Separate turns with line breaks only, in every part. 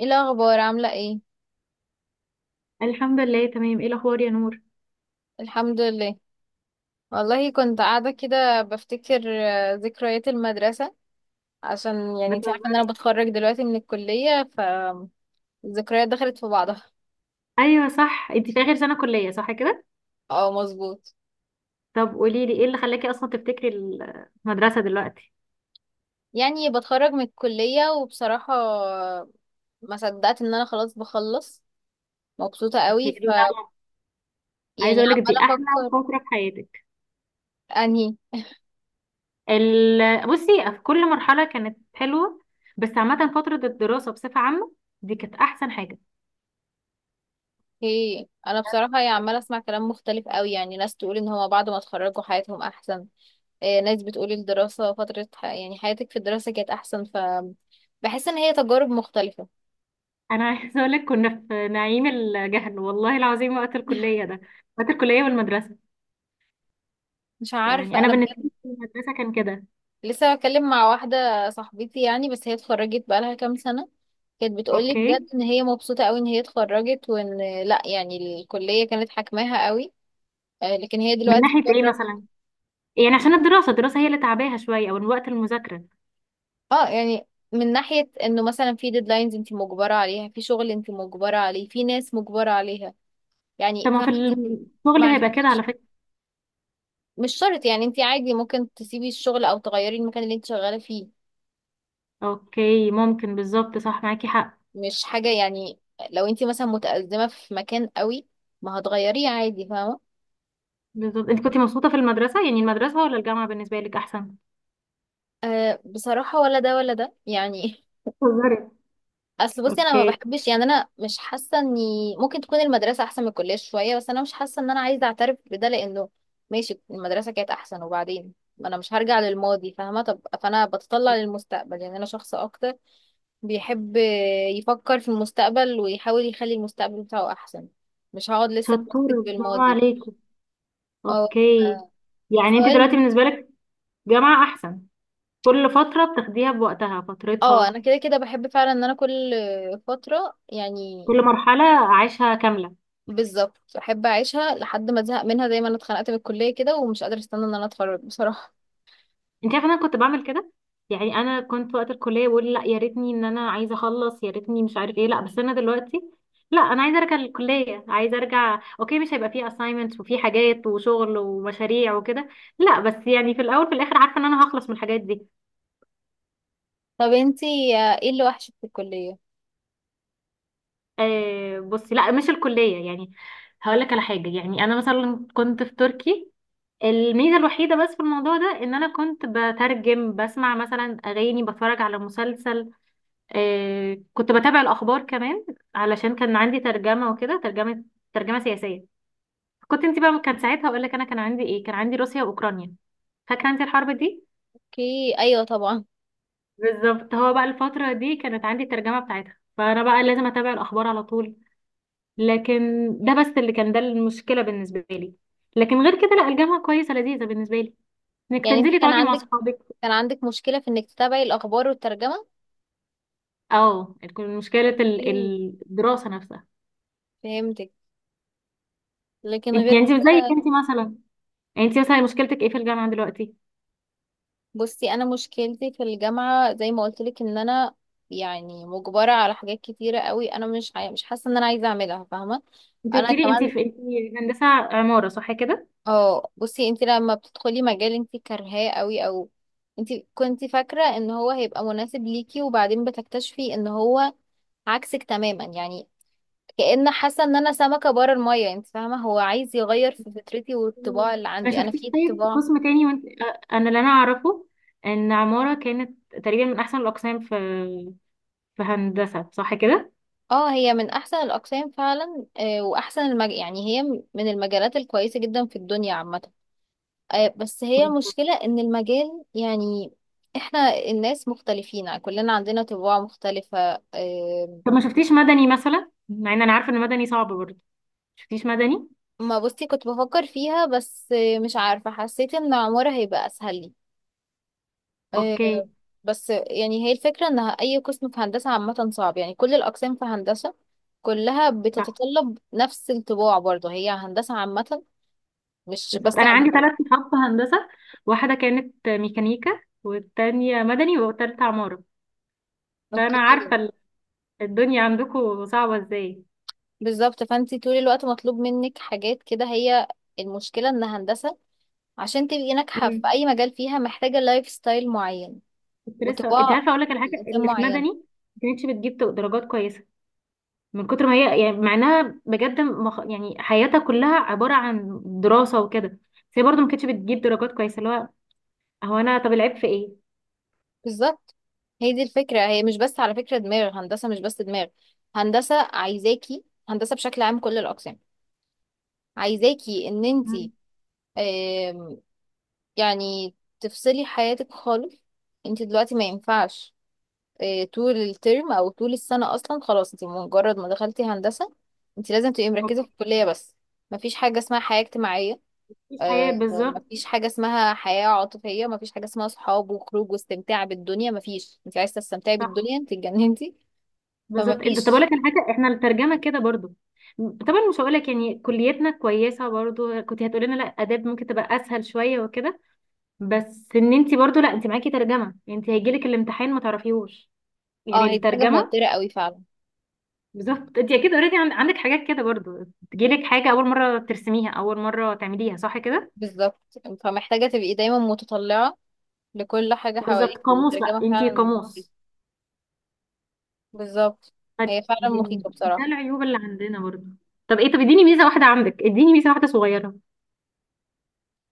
ايه الاخبار عامله ايه؟
الحمد لله، تمام. ايه الاخبار يا نور؟
الحمد لله. والله كنت قاعده كده بفتكر ذكريات المدرسه، عشان يعني انت عارفه ان انا
بتهزري؟
بتخرج دلوقتي من الكليه، فالذكريات دخلت في بعضها.
ايوه صح، انت في اخر سنه كليه صح كده.
اه مظبوط.
طب قولي لي ايه اللي خلاكي اصلا تفتكري المدرسه دلوقتي؟
يعني بتخرج من الكليه وبصراحه ما صدقت ان انا خلاص بخلص، مبسوطه
إيه
قوي.
اللي- عايزه
يعني
اقول لك دي
عماله
احلى
افكر.
فتره في حياتك.
انهي؟
بصي، في كل مرحله كانت حلوه، بس عامه فتره الدراسه بصفه عامه دي كانت احسن حاجه.
ايه، انا بصراحه يعني عماله اسمع كلام مختلف قوي، يعني ناس تقول ان هما بعد ما اتخرجوا حياتهم احسن، ناس بتقول الدراسة فترة يعني حياتك في الدراسة كانت أحسن، ف بحس إن هي تجارب مختلفة.
انا عايزه اقول لك كنا في نعيم الجهل والله العظيم وقت الكليه ده، وقت الكليه والمدرسه.
مش
يعني
عارفة
انا
أنا
بالنسبه
بجد.
لي المدرسه كان كده.
لسه بتكلم مع واحدة صاحبتي يعني، بس هي اتخرجت بقالها كام سنة، كانت بتقولي
اوكي.
بجد إن هي مبسوطة أوي إن هي اتخرجت، وإن، لأ يعني الكلية كانت حاكماها أوي، لكن هي
من
دلوقتي
ناحيه ايه
بره.
مثلا؟ يعني عشان الدراسة هي اللي تعباها شوية او وقت المذاكرة.
اه يعني، من ناحية إنه مثلا في ديدلاينز أنت مجبرة عليها، في شغل أنت مجبرة عليه، في ناس مجبرة عليها،
طب
يعني
ما
فاهمة.
في الشغل
ما
هيبقى كده على
عندكش.
فكرة.
مش شرط يعني، انت عادي ممكن تسيبي الشغل او تغيري المكان اللي انت شغاله فيه،
اوكي ممكن، بالظبط صح، معاكي حق.
مش حاجه يعني. لو انت مثلا متأزمه في مكان قوي، ما هتغيريه عادي، فاهمه.
بالظبط، انت كنت مبسوطة في المدرسة يعني، المدرسة ولا الجامعة بالنسبة لك احسن؟
أه بصراحه، ولا ده ولا ده يعني.
بتهزري؟
اصل بصي، انا ما
اوكي.
بحبش، يعني انا مش حاسه اني ممكن تكون المدرسه احسن من الكليه شويه، بس انا مش حاسه ان انا عايزه اعترف بده، لانه ماشي المدرسه كانت احسن، وبعدين ما انا مش هرجع للماضي، فاهمه؟ طب فانا بتطلع للمستقبل، يعني انا شخص اكتر بيحب يفكر في المستقبل ويحاول يخلي المستقبل بتاعه احسن، مش هقعد لسه اتمسك
شطورة، برافو
بالماضي.
عليكي.
اه. ف-
اوكي. يعني انت
سواء
دلوقتي
الم...
بالنسبة لك جامعة احسن. كل فترة بتاخديها بوقتها
اه،
فترتها.
انا كده كده بحب فعلا ان انا كل فترة يعني،
كل مرحلة عايشها كاملة.
بالظبط احب اعيشها لحد ما ازهق منها، زي ما انا اتخنقت من الكلية كده، ومش قادرة استنى ان انا اتخرج بصراحة.
انت عارفه انا كنت بعمل كده. يعني انا كنت وقت الكليه بقول لا، يا ريتني ان انا عايزه اخلص، يا ريتني مش عارف ايه، لا بس انا دلوقتي لا، انا عايزه ارجع للكليه، عايزه ارجع. اوكي، مش هيبقى فيه assignments وفي حاجات وشغل ومشاريع وكده، لا بس يعني في الاول في الاخر عارفه ان انا هخلص من الحاجات دي.
طب انتي، ايه اللي وحشك في الكلية؟
آه بصي، لا مش الكليه يعني. هقول لك على حاجه، يعني انا مثلا كنت في تركي. الميزه الوحيده بس في الموضوع ده ان انا كنت بترجم، بسمع مثلا اغاني، بتفرج على مسلسل، آه كنت بتابع الأخبار كمان، علشان كان عندي ترجمة وكده. ترجمة، ترجمة سياسية. كنت انت بقى، كان ساعتها أقول لك، أنا كان عندي إيه؟ كان عندي روسيا وأوكرانيا. فاكرة انت الحرب دي؟
اوكي، ايوه طبعا.
بالظبط، هو بقى الفترة دي كانت عندي الترجمة بتاعتها، فأنا بقى لازم أتابع الأخبار على طول. لكن ده بس اللي كان، ده المشكلة بالنسبة لي. لكن غير كده لا، الجامعة كويسة، لذيذة بالنسبة لي، انك
يعني انتي
تنزلي
كان
تقعدي مع
عندك،
صحابك.
كان عندك مشكلة في انك تتابعي الاخبار والترجمة؟
اه، تكون مشكلة
اوكي،
الدراسة نفسها.
فهمتك. لكن
انت
غير
يعني انت زيك،
كده،
انت مثلا، انت مثلا مشكلتك ايه في الجامعة دلوقتي؟
بصي انا مشكلتي في الجامعه زي ما قلت لك، ان انا يعني مجبره على حاجات كتيره قوي، انا مش حاسه ان انا عايزه اعملها، فاهمه.
انت
انا
قلت لي انت
كمان.
في، انت هندسه عماره صح كده.
اه بصي، انت لما بتدخلي مجال انت كارهاه قوي، او انت كنت فاكره ان هو هيبقى مناسب ليكي، وبعدين بتكتشفي ان هو عكسك تماما يعني، كأن حاسه ان انا سمكه بره الميه، انت فاهمه؟ هو عايز يغير في فطرتي
مم.
والطباع اللي
ما
عندي، انا
شفتيش
في
طيب
طباع.
قسم تاني؟ وانت انا اللي انا اعرفه ان عماره كانت تقريبا من احسن الاقسام في هندسه صح كده.
اه، هي من احسن الاقسام فعلا، يعني هي من المجالات الكويسه جدا في الدنيا عامه، بس هي
مم.
المشكله ان المجال يعني، احنا الناس مختلفين كلنا، عندنا طباع مختلفه،
طب ما شفتيش مدني مثلا؟ مع ان انا عارفه ان مدني صعب برضه، ما شفتيش مدني؟
ما بصي كنت بفكر فيها، بس مش عارفه، حسيت ان عمارة هيبقى اسهل لي، آه،
اوكي،
بس يعني هي الفكره ان اي قسم في هندسه عامه صعب، يعني كل الاقسام في هندسه كلها
صح.
بتتطلب نفس الطباع، برضه هي هندسه عامه، مش
بالظبط،
بس
انا عندي
عمارة.
ثلاث صحاب في هندسه، واحده كانت ميكانيكا، والتانية مدني، والتالتة عماره. فانا
اوكي.
عارفه الدنيا عندكم صعبه ازاي.
بالظبط، فانت طول الوقت مطلوب منك حاجات كده، هي المشكله ان هندسه عشان تبقي ناجحه في
مم.
اي مجال فيها محتاجه لايف ستايل معين
كنت لسه، انت
وطباع
عارفه، اقول لك الحاجه
الانسان
اللي في
معين.
مدني ما كانتش بتجيب درجات كويسه، من كتر ما هي يعني، مع انها بجد يعني حياتها كلها عباره عن دراسه وكده، بس هي برضه ما كانتش بتجيب درجات كويسه. اللي هو، هو انا طب العيب في ايه؟
بالظبط، هي دي الفكره، هي مش بس على فكره دماغ هندسه، مش بس دماغ هندسه عايزاكي، هندسه بشكل عام كل الاقسام عايزاكي ان انت
مم.
يعني تفصلي حياتك خالص، انت دلوقتي ما ينفعش طول الترم او طول السنه اصلا، خلاص انت مجرد ما دخلتي هندسه، انت لازم تبقي مركزه
اوكي.
في الكليه بس، مفيش حاجه اسمها حياه اجتماعيه،
مفيش حياه، بالظبط.
مفيش حاجه اسمها حياه عاطفيه، مفيش حاجه اسمها صحاب وخروج واستمتاع بالدنيا، مفيش. انت عايزه تستمتعي
صح.
بالدنيا؟ انت اتجننتي.
بالظبط، انت طب اقول
فمفيش.
لك الحاجه، احنا الترجمه كده برضه. طبعا مش هقول لك يعني كليتنا كويسه برضه، كنت هتقولي لنا لا اداب ممكن تبقى اسهل شويه وكده، بس ان انت برضه لا، انت معاكي ترجمه يعني، انت هيجيلك الامتحان ما تعرفيهوش،
اه
يعني
هي دي حاجه
الترجمه.
موتره قوي فعلا.
بالظبط، انت اكيد اوريدي عندك حاجات كده برضو، تجيلك حاجه اول مره ترسميها، اول مره تعمليها صح كده.
بالظبط، فمحتاجه تبقي دايما متطلعه لكل حاجه
بالظبط،
حواليك،
قاموس بقى،
والترجمه
انت
فعلا مخيفه.
قاموس.
بالظبط،
فد-
هي فعلا
دي-
مخيفه
ده
بصراحه.
العيوب اللي عندنا برضو. طب ايه، طب اديني ميزه واحده عندك، اديني ميزه واحده صغيره.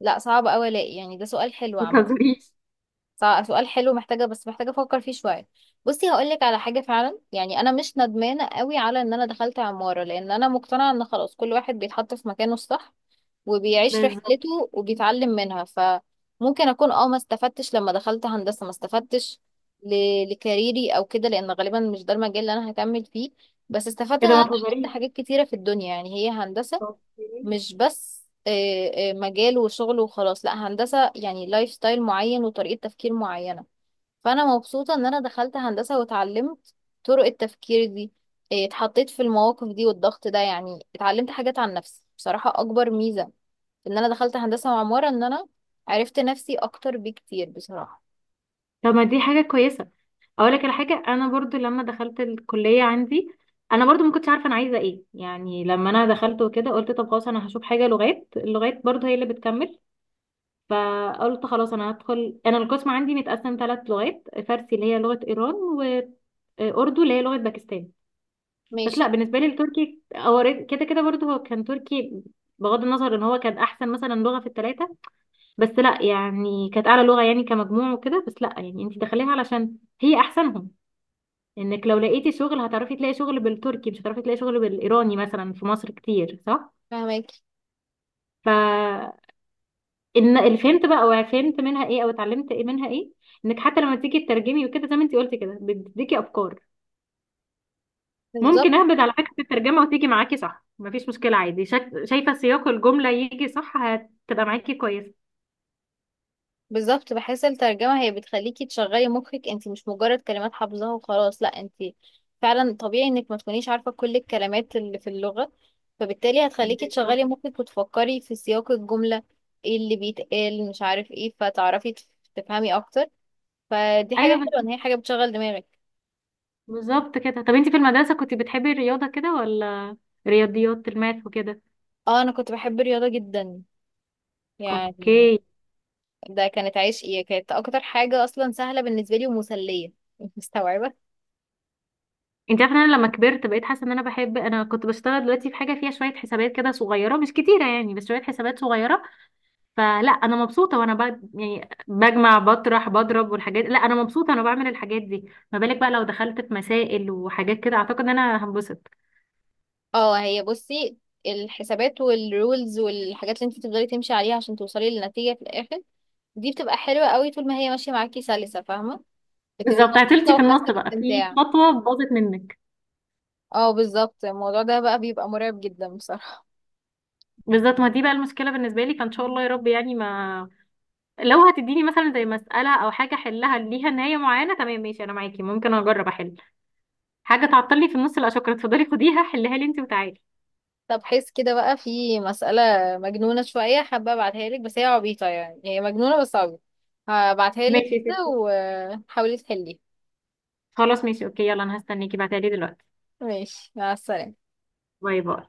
لا صعب قوي الاقي، يعني ده سؤال حلو
ما
عامه.
تهزريش.
سؤال حلو، محتاجة، بس محتاجة افكر فيه شوية. بصي هقولك على حاجة فعلا، يعني انا مش ندمانة قوي على ان انا دخلت عمارة، لان انا مقتنعة ان خلاص كل واحد بيتحط في مكانه الصح وبيعيش
بالظبط
رحلته وبيتعلم منها، فممكن اكون اه ما استفدتش لما دخلت هندسة، ما استفدتش لكاريري او كده، لان غالبا مش ده المجال اللي انا هكمل فيه، بس استفدت ان
كده،
انا
ما
اتعلمت
تهزريش.
حاجات كتيرة في الدنيا، يعني هي هندسة
طب
مش بس مجال وشغل وخلاص، لا هندسة يعني لايف ستايل معين وطريقة تفكير معينة، فانا مبسوطه ان انا دخلت هندسه واتعلمت طرق التفكير دي، إيه، اتحطيت في المواقف دي والضغط ده، يعني اتعلمت حاجات عن نفسي بصراحه، اكبر ميزه في ان انا دخلت هندسه وعماره ان انا عرفت نفسي اكتر بكتير بصراحه.
طب. ما دي حاجه كويسه. اقول لك على حاجه، انا برضو لما دخلت الكليه عندي، انا برضو ما كنتش عارفه انا عايزه ايه، يعني لما انا دخلت وكده قلت طب خلاص انا هشوف حاجه لغات، اللغات برضو هي اللي بتكمل. فقلت خلاص انا هدخل، انا القسم عندي متقسم ثلاث لغات، فارسي اللي هي لغة ايران، واردو اللي هي لغة باكستان. بس
ماشي.
لا، بالنسبة لي التركي هو كده كده برضه هو كان تركي، بغض النظر ان هو كان احسن مثلا لغة في الثلاثة، بس لا يعني كانت اعلى لغة يعني كمجموع وكده، بس لا يعني انت داخليها علشان هي احسنهم، انك لو لقيتي شغل هتعرفي تلاقي شغل بالتركي، مش هتعرفي تلاقي شغل بالايراني مثلا في مصر كتير صح.
فهمك.
ف ان اللي فهمت بقى، او فهمت منها ايه، او اتعلمت ايه منها ايه، انك حتى لما تيجي تترجمي وكده زي ما انت قلتي كده، بتديكي افكار.
بالظبط.
ممكن اهبد على فكره الترجمه وتيجي معاكي صح، مفيش مشكله عادي، شايفه سياق الجمله يجي صح، هتبقى معاكي كويسه.
بالظبط، بحس الترجمة هي بتخليكي تشغلي مخك، انت مش مجرد كلمات حافظاها وخلاص، لا انت فعلا طبيعي انك ما تكونيش عارفة كل الكلمات اللي في اللغة، فبالتالي هتخليكي
بالظبط.
تشغلي مخك وتفكري في سياق الجملة، ايه اللي بيتقال مش عارف ايه، فتعرفي تفهمي اكتر، فدي حاجة
ايوه
حلوة ان
بالظبط.
هي حاجة بتشغل دماغك.
بالظبط كده. طب انت في المدرسه كنت بتحبي الرياضه كده ولا؟ رياضيات، الماث وكده.
اه انا كنت بحب الرياضة جدا يعني،
اوكي.
ده كانت عشقي، كانت اكتر حاجة اصلا سهلة بالنسبة لي ومسلية، مستوعبة.
انت عارفه إن انا لما كبرت بقيت حاسه ان انا بحب، انا كنت بشتغل دلوقتي في حاجه فيها شويه حسابات كده صغيره مش كتيره يعني، بس شويه حسابات صغيره، فلا انا مبسوطه، وانا يعني بجمع بطرح بضرب والحاجات، لا انا مبسوطه انا بعمل الحاجات دي. ما بالك بقى لو دخلت في مسائل وحاجات كده؟ اعتقد ان انا هنبسط.
اه هي بصي، الحسابات والرولز والحاجات اللي انت تفضلي تمشي عليها عشان توصلي للنتيجة في الآخر، دي بتبقى حلوة قوي طول ما هي ماشية معاكي سلسة، فاهمة؟ بتبقي
بالظبط، عطلتي
مبسوطة
في النص
وحاسة
بقى في
باستمتاع.
خطوه باظت منك.
اه بالظبط، الموضوع ده بقى بيبقى مرعب جدا بصراحة.
بالظبط، ما دي بقى المشكله بالنسبه لي، فان شاء الله يا رب يعني ما. لو هتديني مثلا زي مساله او حاجه احلها ليها نهايه معينه، تمام ماشي انا معاكي ممكن اجرب احل، حاجه تعطلني في النص لا شكرا، اتفضلي خديها حلها لي انت وتعالي.
طب حس كده بقى، في مسألة مجنونة شوية حابة ابعتها لك، بس هي عبيطة يعني، هي مجنونة بس عبيطة، هبعتها لك
ماشي يا
كده
ستي.
وحاولي تحليها.
خلاص ماشي اوكي، يلا انا هستنيكي، بعتها لي دلوقتي.
ماشي، مع السلامة.
باي باي.